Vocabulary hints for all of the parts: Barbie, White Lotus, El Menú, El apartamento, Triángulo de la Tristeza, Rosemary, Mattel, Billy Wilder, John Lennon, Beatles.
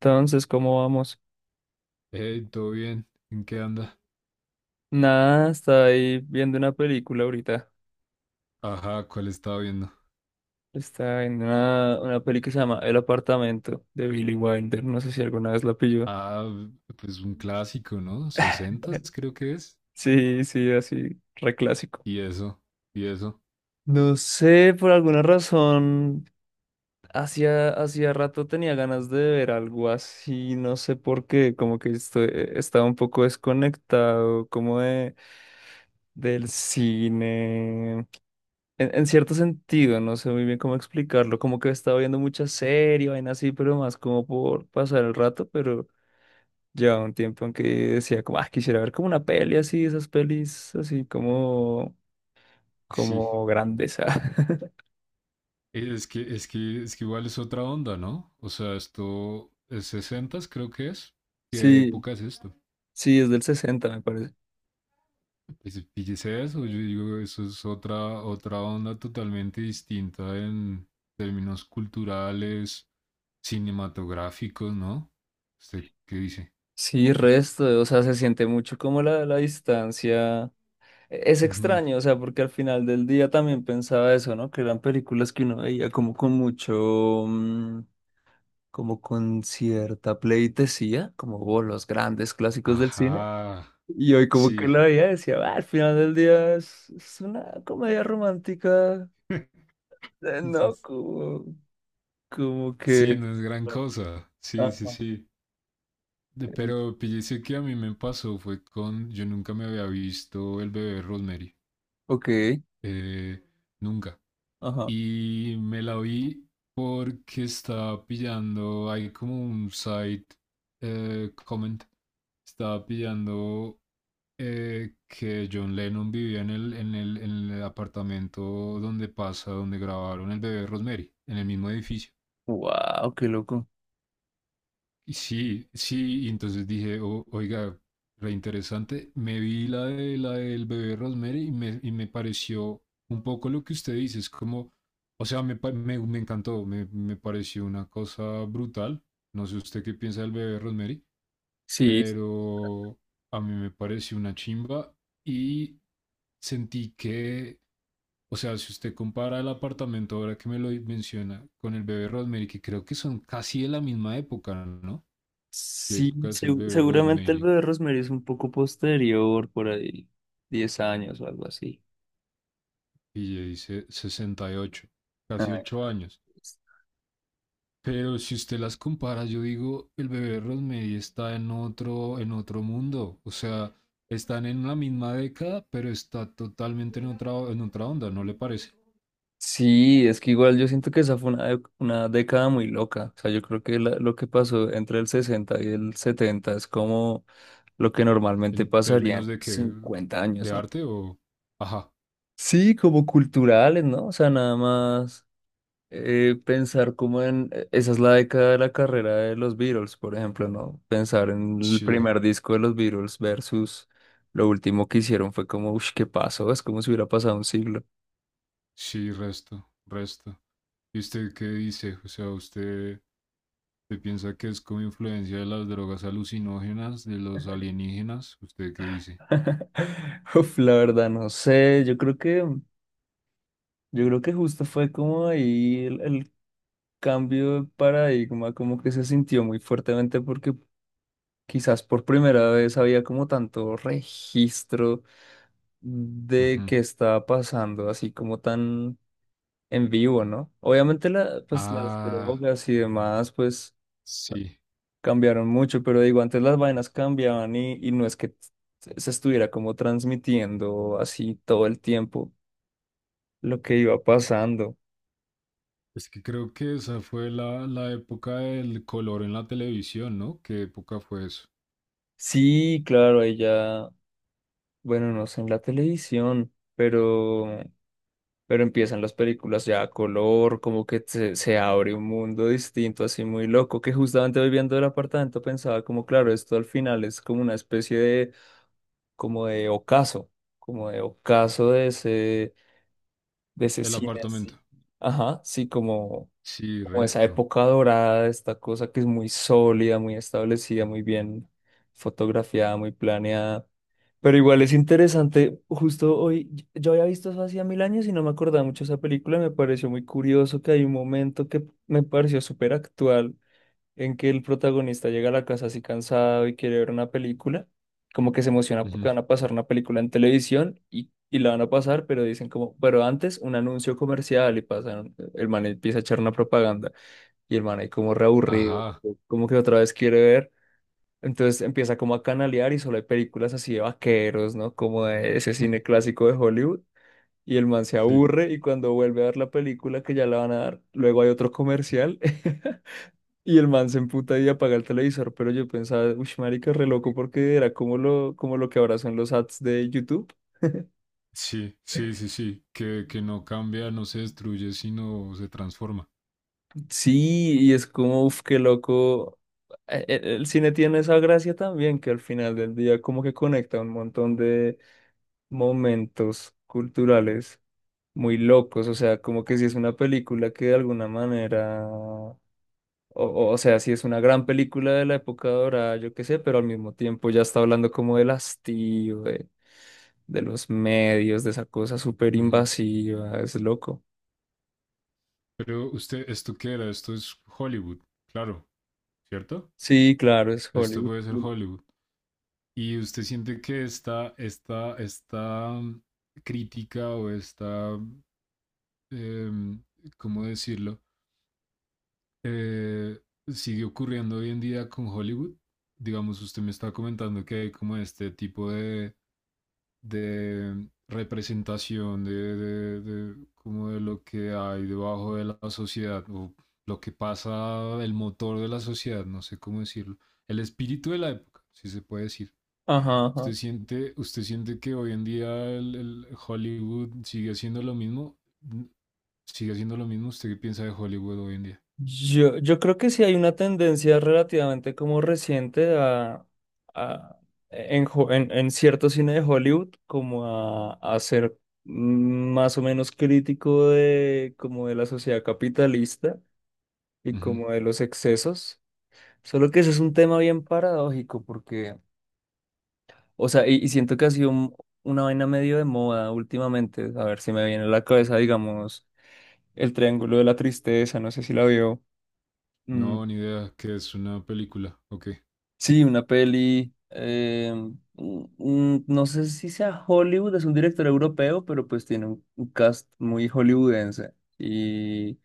Entonces, ¿cómo vamos? Hey, ¿todo bien? ¿En qué anda? Nada, está ahí viendo una película ahorita. Ajá, ¿cuál estaba viendo? Está viendo una peli que se llama El apartamento de Billy Wilder. No sé si alguna vez la pilló. Ah, pues un clásico, ¿no? Sesentas, creo que es. Sí, sí, así, reclásico. Y eso, y eso. No sé, por alguna razón, hacía rato tenía ganas de ver algo así, no sé por qué, como que estaba un poco desconectado, como de, del cine. En cierto sentido, no sé muy bien cómo explicarlo, como que he estado viendo mucha serie, vaina así, pero más como por pasar el rato, pero llevaba un tiempo en que decía como, ah, quisiera ver como una peli así, esas pelis así como, Sí. como grandeza. Es que igual es otra onda, ¿no? O sea, esto es sesentas, creo que es. ¿Qué Sí, época es esto? sí, es del 60, me parece. Pues fíjese eso, yo digo, eso es otra onda totalmente distinta en términos culturales, cinematográficos, ¿no? ¿Usted qué dice? Sí, resto, o sea, se siente mucho como la distancia. Es Ujú. extraño, o sea, porque al final del día también pensaba eso, ¿no? Que eran películas que uno veía como con mucho, como con cierta pleitesía, como "Oh, los grandes clásicos del cine". Ajá. Y hoy como que la Sí, veía y decía, "Ah, al final del día es una comedia romántica, ¿no? quizás. Como, como Sí, que... no es gran cosa. Sí, sí, Ajá. sí. En- Pero píllese que a mí me pasó fue con. Yo nunca me había visto el bebé Rosemary. Ok, eh, nunca. ajá. Y me la vi porque estaba pillando. Hay como un site comment. Estaba pillando que John Lennon vivía en el apartamento donde pasa, donde grabaron el bebé Rosemary, en el mismo edificio. Wow, qué loco. Y entonces dije, Oiga, re interesante. Me vi la de la del bebé Rosemary y me pareció un poco lo que usted dice, es como, o sea, me encantó, me pareció una cosa brutal. No sé usted qué piensa del bebé Rosemary, Sí, pero a mí me pareció una chimba y sentí que, o sea, si usted compara el apartamento ahora que me lo menciona con el bebé Rosemary, que creo que son casi de la misma época, ¿no? De sí, épocas el bebé seguramente el Rosemary, bebé Rosemary es un poco posterior, por ahí, 10 años o algo así. y le dice 68 casi Ah, 8 años. Pero si usted las compara, yo digo, el bebé Rosemary está en otro mundo. O sea, están en la misma década, pero está totalmente en otra onda, ¿no le parece? sí, es que igual yo siento que esa fue una década muy loca. O sea, yo creo que lo que pasó entre el 60 y el 70 es como lo que normalmente En pasaría en términos de que, 50 años, de ¿no? arte o... Ajá, Sí, como culturales, ¿no? O sea, nada más pensar como en... esa es la década de la carrera de los Beatles, por ejemplo, ¿no? Pensar en el sí, primer disco de los Beatles versus lo último que hicieron fue como, ¿qué pasó? Es como si hubiera pasado un siglo. sí, resto. ¿Y usted qué dice? ¿Usted piensa que es como influencia de las drogas alucinógenas, de los alienígenas? ¿Usted qué dice? Uf, la verdad, no sé. Yo creo que justo fue como ahí el cambio de paradigma, como que se sintió muy fuertemente porque quizás por primera vez había como tanto registro de Ujú. qué estaba pasando, así como tan en vivo, ¿no? Obviamente la, pues las Ah, drogas y demás, pues sí. cambiaron mucho, pero digo, antes las vainas cambiaban y no es que se estuviera como transmitiendo así todo el tiempo lo que iba pasando. Es que creo que esa fue la época del color en la televisión, ¿no? ¿Qué época fue eso? Sí, claro, ahí ya, bueno, no sé en la televisión, pero empiezan las películas ya a color, como que se abre un mundo distinto, así muy loco, que justamente hoy viendo el apartamento pensaba como, claro, esto al final es como una especie de, como de ocaso, como de ocaso de ese El cine apartamento. así. Ajá, sí, como Sí, como esa resto. época dorada, esta cosa que es muy sólida, muy establecida, muy bien fotografiada, muy planeada. Pero igual es interesante, justo hoy, yo había visto eso hacía mil años y no me acordaba mucho de esa película, me pareció muy curioso que hay un momento que me pareció súper actual, en que el protagonista llega a la casa así cansado y quiere ver una película, como que se emociona porque Ujú. van a pasar una película en televisión y la van a pasar, pero dicen como, pero antes un anuncio comercial y pasan, el man empieza a echar una propaganda. Y el man ahí como reaburrido, Ajá. como que otra vez quiere ver. Entonces empieza como a canalear y solo hay películas así de vaqueros, ¿no? Como de ese cine clásico de Hollywood. Y el man se Sí, aburre y cuando vuelve a ver la película que ya la van a dar, luego hay otro comercial y el man se emputa y apaga el televisor. Pero yo pensaba, uff, marica, re loco porque era como lo que ahora son los ads de YouTube. sí. Que no cambia, no se destruye, sino se transforma. Sí, y es como, uff, qué loco. El cine tiene esa gracia también que al final del día como que conecta un montón de, momentos culturales muy locos, o sea, como que si es una película que de alguna manera, o, o sea, si es una gran película de la época dorada, yo qué sé, pero al mismo tiempo ya está hablando como del hastío, de los medios, de esa cosa súper Ujú. invasiva, es loco. Pero usted, ¿esto qué era? Esto es Hollywood, claro, ¿cierto? Sí, claro, es Esto Hollywood. puede ser Hollywood. ¿Y usted siente que esta crítica o esta, eh, ¿cómo decirlo? Eh, sigue ocurriendo hoy en día con Hollywood. Digamos, usted me está comentando que hay como este tipo de representación de como de lo que hay debajo de la sociedad o lo que pasa, el motor de la sociedad, no sé cómo decirlo. El espíritu de la época, si se puede decir. Ajá, ¿Usted ajá. siente, usted siente que hoy en día el Hollywood sigue haciendo lo mismo? Mm, ¿Sigue haciendo lo mismo? ¿Usted qué piensa de Hollywood hoy en día? Yo creo que sí hay una tendencia relativamente como reciente a, a- en, en cierto cine de Hollywood como a ser más o menos crítico de como de la sociedad capitalista y Ujú. como de los excesos. Solo que ese es un tema bien paradójico porque, o sea, y siento que ha sido una vaina medio de moda últimamente. A ver si me viene a la cabeza, digamos, el Triángulo de la Tristeza, no sé si la vio. Mm, No, ni idea, ¿Qué es una película. Ok. sí, una peli. No sé si sea Hollywood, es un director europeo, pero pues tiene un cast muy hollywoodense. Y,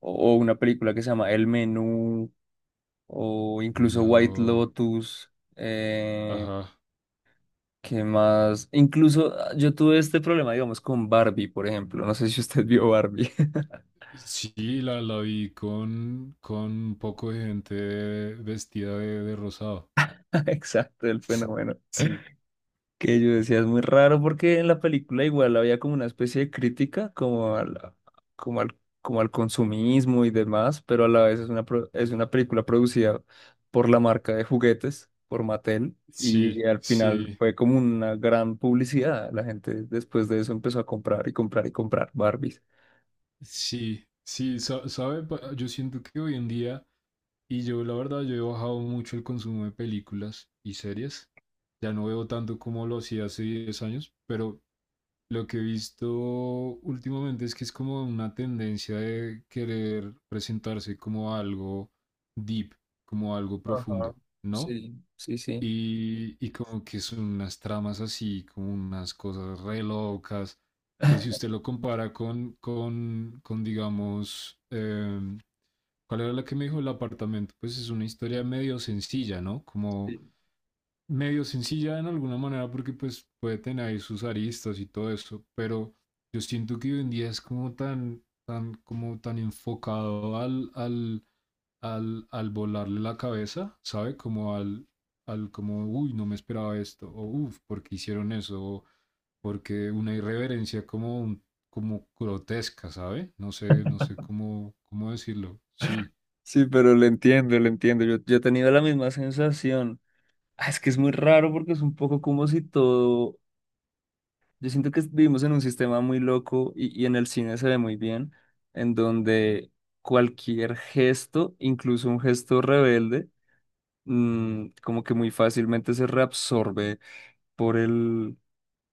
o una película que se llama El Menú, o incluso White No. Lotus. Ajá. ¿Qué más? Incluso ah, yo tuve este problema, digamos, con Barbie, por ejemplo. No sé si usted vio Barbie. Sí, la vi con un poco de gente vestida de rosado. Exacto, el fenómeno. Sí, Que yo decía, es muy raro porque en la película igual había como una especie de crítica como al, como al, como al consumismo y demás, pero a la vez es una, es una película producida por la marca de juguetes, por Mattel, y sí, al final sí, fue como una gran publicidad. La gente después de eso empezó a comprar y comprar y comprar Barbies. sí. ¿Sabe? Yo siento que hoy en día y yo, la verdad, yo he bajado mucho el consumo de películas y series. Ya no veo tanto como lo hacía hace 10 años, pero lo que he visto últimamente es que es como una tendencia de querer presentarse como algo deep, como algo Ajá, profundo, ¿no? sí, sí, sí. Y como que son unas tramas así, como unas cosas re locas, que si usted lo compara con digamos, ¿cuál era la que me dijo el apartamento? Pues es una historia medio sencilla, ¿no? Como Sí. medio sencilla en alguna manera porque pues puede tener ahí sus aristas y todo eso, pero yo siento que hoy en día es como como tan enfocado al volarle la cabeza, ¿sabe? Como, uy, no me esperaba esto, o uff, ¿por qué hicieron eso? O porque una irreverencia como, como grotesca, ¿sabe? No sé, no sé cómo, cómo decirlo. Sí. Sí, pero lo entiendo, lo entiendo. Yo he tenido la misma sensación. Ah, es que es muy raro porque es un poco como si todo, yo siento que vivimos en un sistema muy loco y en el cine se ve muy bien, en donde cualquier gesto, incluso un gesto rebelde, como que muy fácilmente se reabsorbe por el,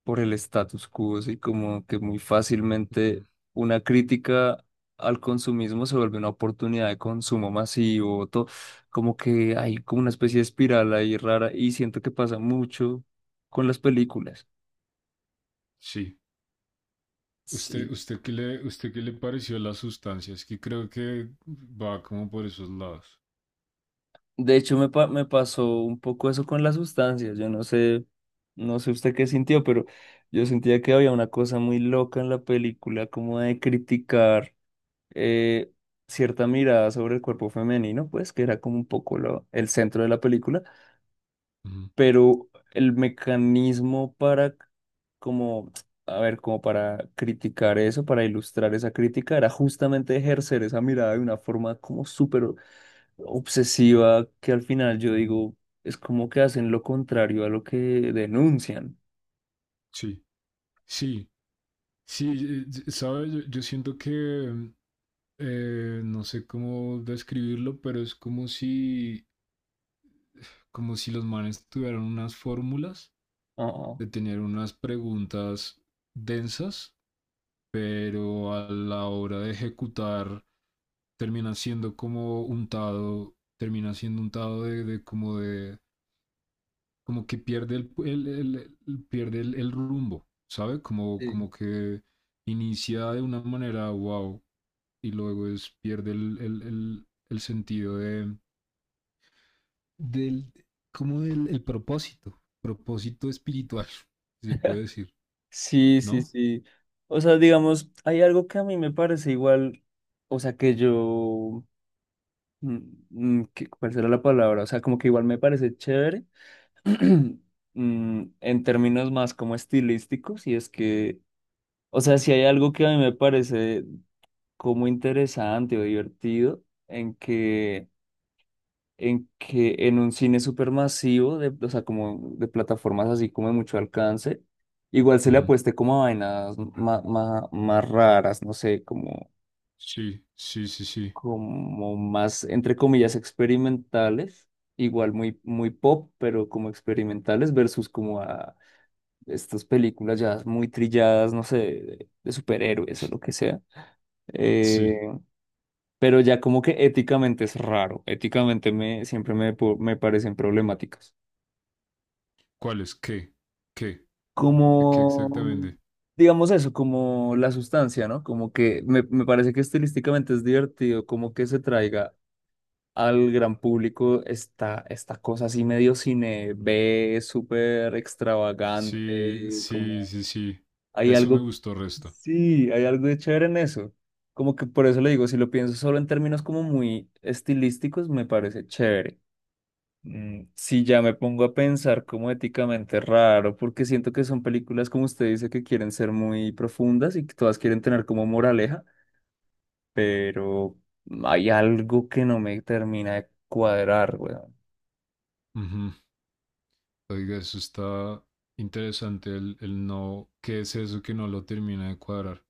por el status quo, y como que muy fácilmente Ujú. una crítica al consumismo se vuelve una oportunidad de consumo masivo, como que hay como una especie de espiral ahí rara y siento que pasa mucho con las películas. Sí. ¿Usted, Sí. Usted qué le pareció las sustancias? Que creo que va como por esos lados. De hecho, me pasó un poco eso con las sustancias. Yo no sé, no sé usted qué sintió, pero yo sentía que había una cosa muy loca en la película, como de criticar eh, cierta mirada sobre el cuerpo femenino, pues que era como un poco el centro de la película, Ujú, pero el mecanismo para, como, a ver, como para criticar eso, para ilustrar esa crítica, era justamente ejercer esa mirada de una forma como súper obsesiva que al final yo ujú. digo, es como que hacen lo contrario a lo que denuncian. Sí, sí, sí, sabe, yo siento que mm, no sé cómo describirlo, pero es como si los manes tuvieran unas fórmulas, Ah, de tener unas preguntas densas, pero a la hora de ejecutar termina siendo como untado, termina siendo untado como que pierde pierde el rumbo, ¿sabe? Como, sí. como que inicia de una manera wow y luego es, pierde el sentido del, como del el propósito, propósito espiritual, si se puede decir, Sí, sí, ¿no? sí. O sea, digamos, hay algo que a mí me parece igual, o sea, que yo, mm, ¿cuál será la palabra? O sea, como que igual me parece chévere, en términos más como estilísticos, y es que, o sea, si hay algo que a mí me parece como interesante o divertido, en que en un cine supermasivo, de, o sea, como de plataformas así como de mucho alcance, igual se le Ujú. apueste como a vainas más raras, no sé, como, Sí, sí, sí, sí, como más, entre comillas, experimentales, igual muy, muy pop, pero como experimentales versus como a estas películas ya muy trilladas, no sé, de superhéroes o lo que sea. Eh, sí. pero ya como que éticamente es raro, éticamente siempre me parecen problemáticas. ¿Cuál es? ¿Qué? ¿Qué? ¿Qué Como, exactamente? digamos eso, como la sustancia, ¿no? Como que me parece que estilísticamente es divertido, como que se traiga al gran público esta, esta cosa así medio cine B, súper Sí, extravagante, sí, como sí, sí. hay Eso me algo, gustó resto. sí, hay algo de chévere en eso. Como que por eso le digo, si lo pienso solo en términos como muy estilísticos, me parece chévere. Sí, ya me pongo a pensar como éticamente raro, porque siento que son películas, como usted dice, que quieren ser muy profundas y que todas quieren tener como moraleja, pero hay algo que no me termina de cuadrar, weón. Ujú. Oiga, eso está interesante, el no, ¿qué es eso que no lo termina de cuadrar?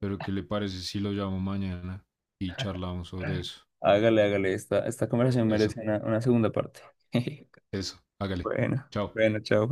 Pero ¿qué le parece si lo llamo mañana y charlamos sobre eso? Hágale, hágale, esta conversación Eso, merece una segunda parte. eso, hágale. Bueno, Chao. bueno, chao.